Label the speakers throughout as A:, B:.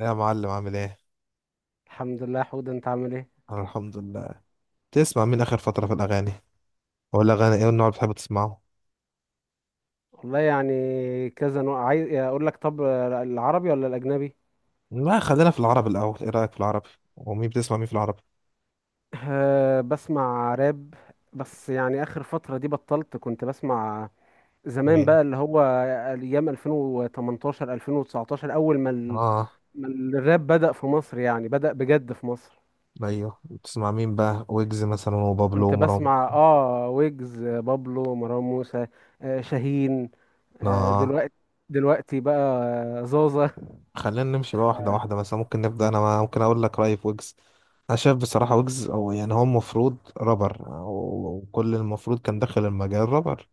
A: يا معلم عامل ايه؟
B: الحمد لله يا حود، انت عامل ايه؟
A: أنا الحمد لله. تسمع مين اخر فترة في الاغاني؟ ولا اغاني ايه النوع اللي بتحب تسمعه؟
B: والله يعني كذا نوع، عايز اقول لك طب العربي ولا الاجنبي؟
A: لا خلينا في العربي الاول. ايه رأيك في العربي؟ ومين بتسمع مين في العربي؟
B: أه، بسمع راب. بس يعني اخر فترة دي بطلت، كنت بسمع زمان
A: مين؟
B: بقى اللي هو ايام 2018 2019 اول ما
A: اه.
B: ما الراب بدأ في مصر، يعني بدأ بجد في مصر.
A: ايوه بتسمع مين بقى؟ ويجز مثلا وبابلو
B: كنت
A: ومروان.
B: بسمع ويجز، بابلو، مروان موسى، شاهين،
A: اه
B: دلوقتي، دلوقتي بقى، زوزة.
A: خلينا نمشي بقى واحدة واحدة، مثلا ممكن نبدأ. انا ممكن اقول لك رأيي في ويجز. انا شايف بصراحة ويجز او يعني هو المفروض رابر، وكل المفروض كان داخل المجال رابر،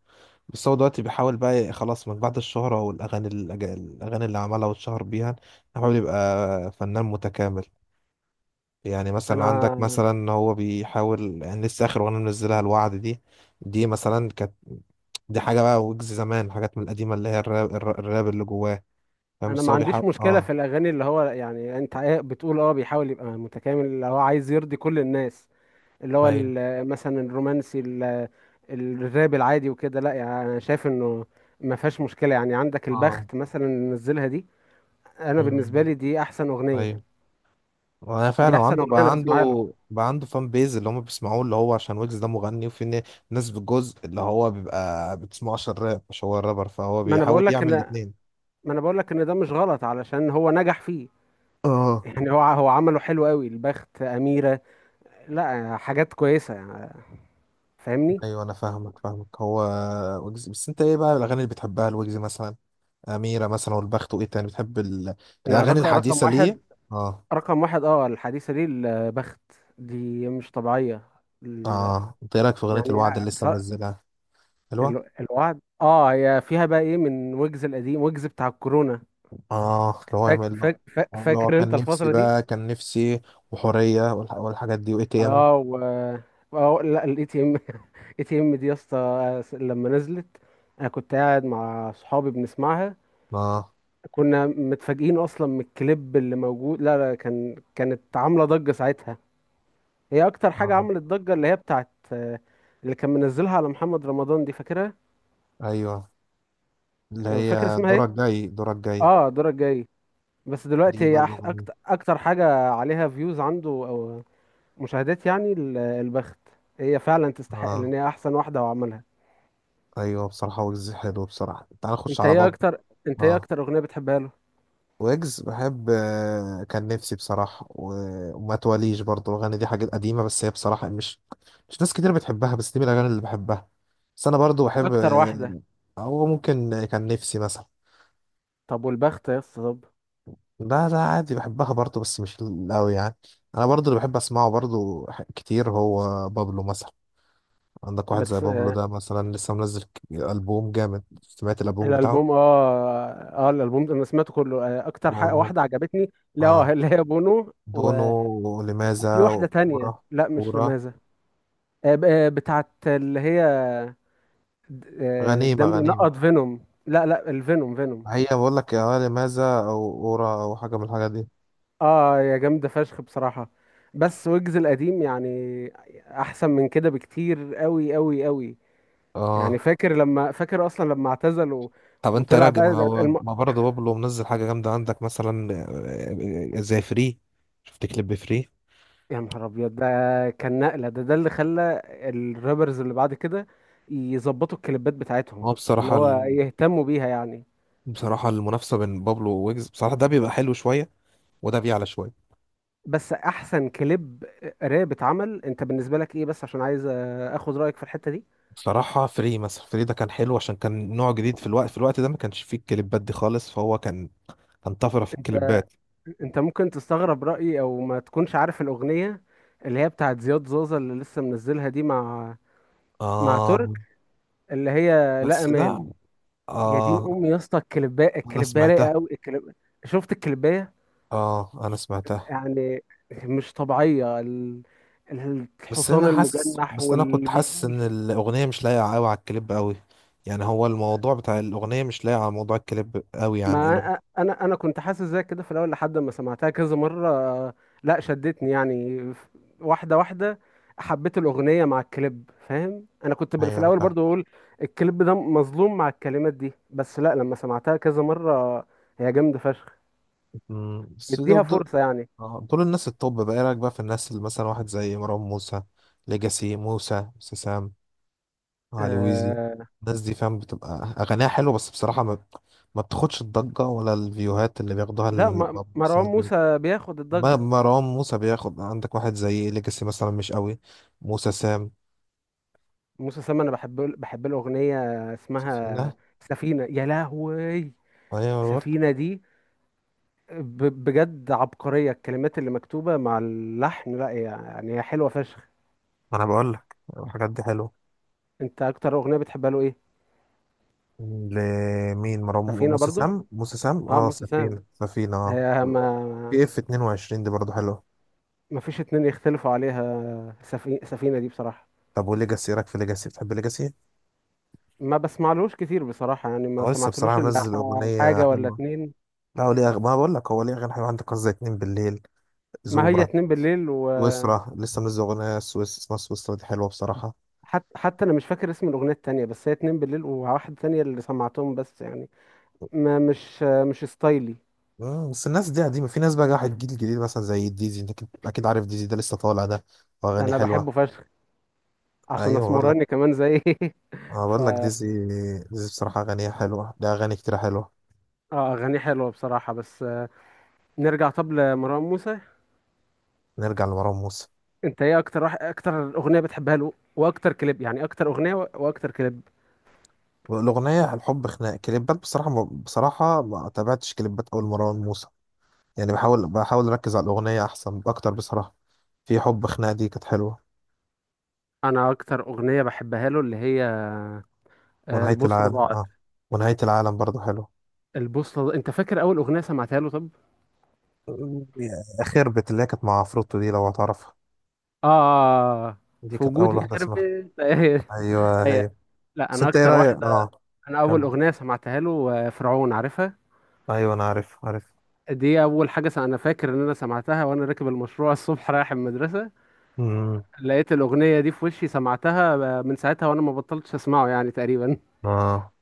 A: بس هو دلوقتي بيحاول بقى خلاص من بعد الشهرة والأغاني الأغاني اللي عملها واتشهر بيها. بيحاول يبقى فنان متكامل. يعني مثلا عندك،
B: انا
A: مثلا هو بيحاول يعني لسه آخر أغنية منزلها الوعد دي. دي مثلا كانت، دي حاجة بقى ويجز زمان، حاجات من القديمة اللي هي الراب اللي جواه. فاهم؟
B: انا
A: بس
B: ما
A: هو بيحاول
B: عنديش مشكله
A: اه.
B: في الاغاني اللي هو يعني انت إيه بتقول، بيحاول يبقى متكامل اللي هو عايز يرضي كل الناس، اللي هو
A: ايوه.
B: مثلا الرومانسي، الراب العادي وكده. لا يعني انا شايف انه ما فيهاش مشكله، يعني عندك
A: اه.
B: البخت مثلا اللي نزلها دي. انا بالنسبه
A: مم.
B: لي دي احسن اغنيه،
A: ايوه. وانا
B: دي
A: فعلا،
B: احسن
A: وعنده
B: اغنيه انا
A: بقى عنده
B: بسمعها له.
A: بقى عنده فان بيز اللي هم بيسمعوه، اللي هو عشان ويجز ده مغني، وفي ناس بالجزء اللي هو بيبقى بتسمعه عشان الراب، مش هو الرابر، فهو
B: ما انا
A: بيحاول
B: بقول لك ان
A: يعمل الاتنين.
B: ما انا بقول لك ان ده مش غلط علشان هو نجح فيه.
A: اه.
B: يعني هو عمله حلو قوي، البخت، اميره. لا، حاجات كويسه يعني، فاهمني.
A: ايوه انا فاهمك. هو ويجز، بس انت ايه بقى الاغاني اللي بتحبها لويجز مثلا؟ اميره مثلا والبخت، وايه تاني بتحب
B: انا
A: الاغاني
B: رقم
A: الحديثه
B: واحد،
A: ليه؟ اه.
B: رقم واحد الحديثة دي البخت، دي مش طبيعية، ال...
A: اه انت ايه رايك في اغنيه الوعد
B: يعني
A: اللي لسه
B: بصراحة
A: منزلها؟ حلوه.
B: الوعد، هي فيها بقى ايه من ويجز القديم، ويجز بتاع الكورونا.
A: اه اللي هو يعمل له، اللي هو
B: فاكر انت
A: كان نفسي
B: الفترة دي؟
A: بقى كان نفسي وحوريه والحاجات دي، واي تي ام.
B: اه و اه لا، الاي تي ام دي يا اسطى لما نزلت، انا كنت قاعد مع صحابي بنسمعها.
A: اه.
B: كنا متفاجئين اصلا من الكليب اللي موجود. لا لا، كانت عاملة ضجة ساعتها. هي اكتر حاجه
A: اه.
B: عملت ضجه اللي هي بتاعت، اللي كان منزلها على محمد رمضان، دي فاكرها؟
A: ايوه اللي
B: فاكر
A: هي
B: اسمها
A: دورك
B: ايه؟
A: جاي دورك جاي.
B: اه دورك جاي. بس دلوقتي
A: دي
B: هي
A: برضه من.
B: اكتر حاجه عليها فيوز عنده او مشاهدات، يعني البخت، هي فعلا تستحق
A: اه.
B: لان هي احسن واحده وعملها.
A: ايوه بصراحة ويجز حلو بصراحة. تعال نخش على بابلو.
B: انت ايه
A: اه
B: اكتر اغنيه بتحبها له؟
A: ويجز بحب كان نفسي بصراحة، وما تواليش برضه. الأغاني دي حاجات قديمة، بس هي بصراحة مش، مش ناس كتير بتحبها، بس دي من الأغاني اللي بحبها. بس أنا برضه بحب
B: اكتر واحده؟
A: هو ممكن كان نفسي مثلا.
B: طب والبخت يا اسطى، طب.
A: لا لا عادي بحبها برضه، بس مش قوي يعني. أنا برضه اللي بحب أسمعه برضه كتير هو بابلو مثلا. عندك واحد زي
B: بتس...
A: بابلو
B: آه،
A: ده، مثلا لسه منزل ألبوم جامد. سمعت الألبوم بتاعه؟
B: الالبوم، اه الالبوم ده انا سمعته كله، اكتر حاجه
A: بونو.
B: واحده عجبتني، لا
A: آه.
B: اللي هي بونو
A: بونو
B: و...
A: لماذا.
B: وفي واحده
A: ورا،
B: تانية، لا مش
A: ورا.
B: لماذا. بتاعت اللي هي
A: غنيمة،
B: دم
A: غنيمة.
B: ينقط فينوم، لا لا، الفينوم، فينوم.
A: هي بقول لك يا لماذا، أو ورا، أو حاجة من الحاجات دي.
B: اه، يا جامدة فشخ بصراحة. بس ويجز القديم يعني احسن من كده بكتير، قوي قوي قوي. يعني
A: اه.
B: فاكر اصلا لما اعتزل و...
A: طب انت
B: وطلع
A: راجع، ما
B: بقى ده
A: هو ما برضه بابلو منزل حاجة جامدة عندك مثلا. زي فري. شفت كليب فري؟
B: يا نهار ابيض ده! كان نقلة، ده اللي خلى الرابرز اللي بعد كده يظبطوا الكليبات بتاعتهم،
A: هو
B: اللي
A: بصراحة
B: هو يهتموا بيها يعني.
A: بصراحة المنافسة بين بابلو وويجز بصراحة، ده بيبقى حلو شوية، وده بيعلى شوية.
B: بس احسن كليب راب اتعمل، انت بالنسبه لك ايه؟ بس عشان عايز اخد رايك في الحته دي.
A: بصراحة فري مثلا، فري ده كان حلو عشان كان نوع جديد، في الوقت ده ما كانش فيه الكليبات دي خالص، فهو كان، كان طفرة في
B: انت
A: الكليبات.
B: انت ممكن تستغرب رايي، او ما تكونش عارف الاغنيه اللي هي بتاعت زياد زوزة اللي لسه منزلها دي، مع مع ترك،
A: آه.
B: اللي هي لا
A: بس
B: امان.
A: ده.
B: يا دين
A: آه
B: امي يا اسطى،
A: أنا
B: الكليبايه رايقه
A: سمعتها.
B: قوي. شفت الكليبايه؟
A: آه أنا سمعتها.
B: يعني مش طبيعيه
A: بس
B: الحصان
A: أنا حاسس،
B: المجنح
A: بس أنا كنت حاسس إن
B: والجيوش.
A: الأغنية مش لايقة أوي على الكليب أوي. يعني هو الموضوع بتاع الأغنية مش لايق على موضوع الكليب أوي، يعني
B: ما
A: الأغنية.
B: انا انا كنت حاسس زي كده في الاول لحد ما سمعتها كذا مره، لا شدتني يعني واحده واحده حبيت الاغنيه مع الكليب، فاهم؟ انا كنت في
A: أيوة أنا
B: الاول
A: فاهم.
B: برضو اقول الكليب ده مظلوم مع الكلمات دي، بس لا لما سمعتها كذا مره هي جامده فشخ.
A: بس
B: اديها
A: دول،
B: فرصه يعني.
A: آه دول الناس التوب بقى. إيه رأيك بقى في الناس اللي مثلا واحد زي مروان موسى، ليجاسي، موسى سام، علي ويزي؟
B: آه
A: الناس دي فاهم بتبقى اغانيها حلوه، بس بصراحه ما بتاخدش الضجه ولا الفيوهات اللي بياخدوها
B: لا مروان
A: مثلاً.
B: موسى بياخد الضجه.
A: مروان موسى بياخد. عندك واحد زي ليجاسي مثلا مش قوي. موسى سام،
B: موسى سام انا بحب الاغنيه اسمها،
A: فينا.
B: سفينه يا لهوي!
A: ايوه أنا بقول.
B: سفينه دي بجد عبقرية، الكلمات اللي مكتوبة مع اللحن، لا يعني هي حلوة فشخ.
A: انا بقول لك الحاجات دي حلوه.
B: انت اكتر اغنية بتحبها له ايه؟
A: لمين؟ مروان
B: سفينة
A: موسى
B: برضو.
A: سام. موسى سام،
B: اه
A: اه
B: موسى سام،
A: سفينه، سفينه، اه
B: هي ما
A: بي اف 22 دي برضه حلوه.
B: ما فيش اتنين يختلفوا عليها، سفينة دي بصراحة.
A: طب وليجاسي؟ إيه رايك في ليجاسي؟ بتحب ليجاسي؟
B: ما بسمعلوش كتير بصراحة، يعني ما
A: اه لسه
B: سمعتلوش
A: بصراحه
B: الا
A: منزل اغنيه
B: حاجة ولا
A: حلوه.
B: اتنين.
A: لا هو ليه ما بقول لك هو ليه أغاني حلوة. عندك قصة اتنين بالليل،
B: ما هي
A: زوبا،
B: اتنين بالليل و...
A: سويسرا. لسه منزل أغنية سويس، اسمها سويسرا، دي حلوة بصراحة.
B: حتى انا مش فاكر اسم الاغنية التانية، بس هي اتنين بالليل وواحدة تانية اللي سمعتهم، بس يعني ما مش ستايلي.
A: مم، بس الناس دي قديمة. في ناس بقى راحت، الجيل الجديد مثلا زي ديزي. انت اكيد، أكيد عارف ديزي، ده لسه طالع ده، واغاني
B: انا
A: حلوة.
B: بحبه فشخ عشان
A: ايوه بقول لك.
B: اسمراني كمان زي
A: أنا
B: ف
A: بقول لك ديزي، ديزي بصراحة اغانيها حلوة، ده اغاني كتير حلوة.
B: اه اغانيه حلوه بصراحه، بس نرجع طب لمروان موسى.
A: نرجع لمروان موسى.
B: انت ايه اكتر اغنيه بتحبها له، واكتر كليب؟ يعني اكتر اغنيه واكتر كليب.
A: الأغنية الحب خناق. كليبات بصراحة، ما تابعتش كليبات أول مروان موسى. يعني بحاول أركز على الأغنية أحسن أكتر بصراحة. في حب خناق دي كانت حلوة.
B: انا اكتر اغنيه بحبها له اللي هي
A: ونهاية
B: البوصله
A: العالم
B: ضاعت.
A: اه، ونهاية العالم برضو حلو.
B: البوصله ضاعت. انت فاكر اول اغنيه سمعتها له طب؟
A: خربت، اللي هي كانت مع عفروتو دي، لو هتعرفها.
B: اه
A: دي
B: في
A: كانت أول
B: وجودي
A: واحدة،
B: خرب
A: اسمها،
B: انت ايه؟
A: أيوه
B: ايه؟
A: هي.
B: لا
A: بس
B: انا
A: أنت إيه
B: اكتر
A: رأيك؟
B: واحده،
A: اه.
B: انا اول
A: كمل.
B: اغنيه سمعتها له فرعون، عارفها؟
A: أيوه أنا عارف، عارف.
B: دي اول حاجه انا فاكر ان انا سمعتها وانا راكب المشروع الصبح رايح المدرسه،
A: امم.
B: لقيت الأغنية دي في وشي، سمعتها، من ساعتها وأنا ما بطلتش أسمعه يعني تقريبا.
A: اه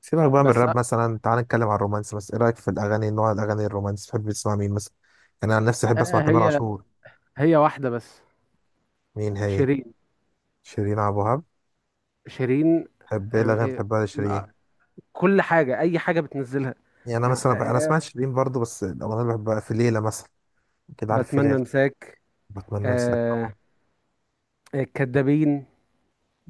A: سيبك بقى من
B: بس أ-
A: الراب مثلا، تعال نتكلم عن الرومانس. بس إيه رأيك في الأغاني، نوع الأغاني الرومانس، تحب تسمع مين مثلا؟ يعني أنا عن نفسي
B: أ-
A: أحب أسمع تامر
B: هي
A: عاشور.
B: هي واحدة بس،
A: مين هي؟
B: شيرين.
A: شيرين عبد الوهاب.
B: شيرين
A: تحب إيه الأغاني اللي
B: آه،
A: بتحبها
B: آه،
A: لشيرين؟
B: كل حاجة، أي حاجة بتنزلها.
A: يعني أنا
B: يعني
A: مثلا أنا سمعت شيرين برضو، بس الأغنية اللي بحبها في ليلة مثلا، كده عارف، في
B: بتمنى
A: ليلة.
B: أنساك،
A: بتمنى أنساك طبعا.
B: آه، الكدابين.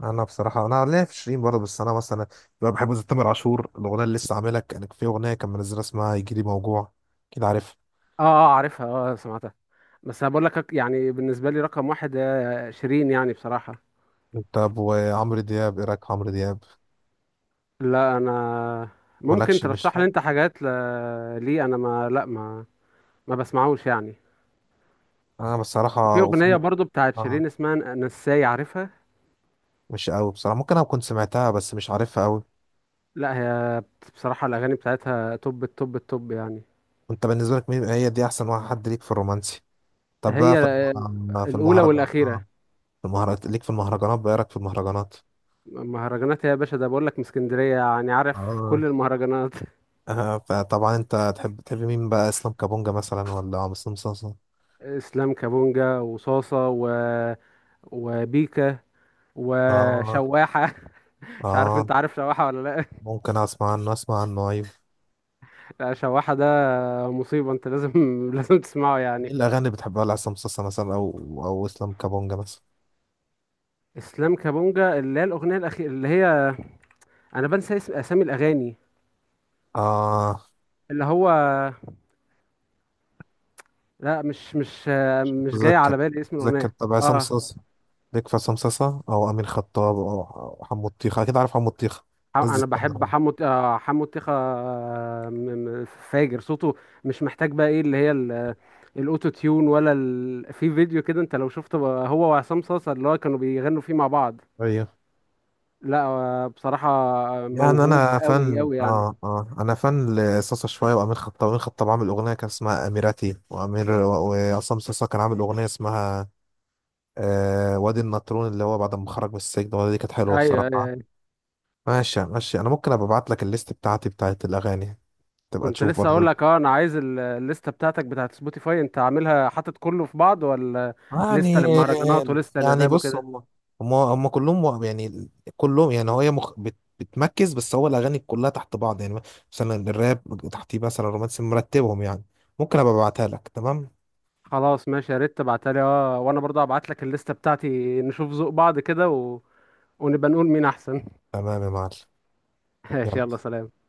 A: انا بصراحه انا ليا في شيرين برضه، بس انا مثلا بقى بحب زي تامر عاشور، الاغنيه اللي لسه عاملها. كان في اغنيه كان منزلها اسمها يجي لي موجوع، كده عارف.
B: عارفها، آه سمعتها، بس أنا بقول لك يعني بالنسبة لي رقم واحد شيرين يعني بصراحة.
A: طب وعمرو دياب؟ ايه رايك في عمرو دياب؟
B: لا أنا، ممكن
A: مالكش؟ مش
B: ترشح لي أنت حاجات لي أنا؟ ما لا ما ما بسمعوش يعني.
A: انا
B: وفي
A: بصراحه.
B: أغنية
A: وفي.
B: برضو بتاعت
A: اه
B: شيرين اسمها نساي، عارفها؟
A: مش قوي بصراحه. ممكن انا كنت سمعتها بس مش عارفها قوي.
B: لا هي بصراحة الأغاني بتاعتها توب التوب التوب يعني.
A: انت بالنسبه لك مين هي دي، احسن واحد حد ليك في الرومانسي؟ طب بقى
B: هي
A: في في
B: الأولى
A: المهرجان؟ اه
B: والأخيرة.
A: في المهرجانات ليك، في المهرجانات بقى، ايه رايك في المهرجانات؟
B: مهرجانات يا باشا؟ ده بقول لك من اسكندرية، يعني عارف
A: اه.
B: كل المهرجانات.
A: فطبعا انت تحب، تحب مين بقى؟ اسلام كابونجا مثلا ولا مسلم صلصه؟
B: اسلام كابونجا، وصاصة و... وبيكا،
A: اه.
B: وشواحة. مش عارف
A: اه
B: انت عارف شواحة ولا لا؟
A: ممكن اسمع عنه، اسمع عنه، ايوه.
B: لا، شواحة ده مصيبة، انت لازم لازم تسمعه يعني.
A: مين الاغاني اللي بتحبها لعصام صاصا مثلا، او او اسلام كابونجا مثلا؟
B: اسلام كابونجا اللي هي الأغنية الأخيرة اللي هي، انا بنسى اسامي الأغاني،
A: اه
B: اللي هو، لا مش
A: مش
B: مش جاي
A: متذكر،
B: على بالي اسم
A: متذكر.
B: الأغنية.
A: طب عصام
B: اه
A: صاصا، ليك في عصام صاصا او امين خطاب او أو حمو الطيخه؟ اكيد عارف حمو الطيخه. الناس دي
B: انا بحب
A: اسكندراني.
B: حمو الطيخة، فاجر صوته، مش محتاج بقى ايه اللي هي الاوتو تيون ولا في فيديو كده انت لو شفته بقى هو وعصام صاصا اللي هو كانوا بيغنوا فيه مع بعض،
A: ايوه.
B: لا بصراحة
A: يعني
B: موهوب
A: انا
B: قوي
A: فن،
B: قوي يعني.
A: اه اه انا فن لصاصا شويه، وامين خطاب. امين خطاب عامل اغنيه كان اسمها اميراتي وامير، وعصام صاصا كان عامل اغنيه اسمها آه وادي النطرون، اللي هو بعد ما خرج من السجن. الأغنية دي كانت حلوه
B: ايوه ايوه
A: بصراحه.
B: أيوة.
A: ماشي ماشي، انا ممكن ابقى ابعت لك الليست بتاعتي بتاعت الاغاني، تبقى
B: كنت
A: تشوف
B: لسه اقول
A: برضه.
B: لك، انا عايز الليسته بتاعتك بتاعت سبوتيفاي، انت عاملها حاطط كله في بعض ولا لسته
A: يعني.
B: للمهرجانات ولسته
A: يعني
B: للراب
A: بص،
B: وكده؟
A: هم، هم كلهم يعني كلهم يعني. هو هي بتمركز، بس هو الاغاني كلها تحت بعض يعني. مثلا الراب، تحتيه مثلا الرومانسي، مرتبهم يعني. ممكن ابقى ابعتها لك، تمام.
B: خلاص ماشي، يا ريت تبعتها لي، اه، وانا برضه هبعت لك الليسته بتاعتي، نشوف ذوق بعض كده و... ونبقى نقول مين احسن.
A: تمام يا معلم.
B: ماشي، يلا
A: يلا.
B: سلام.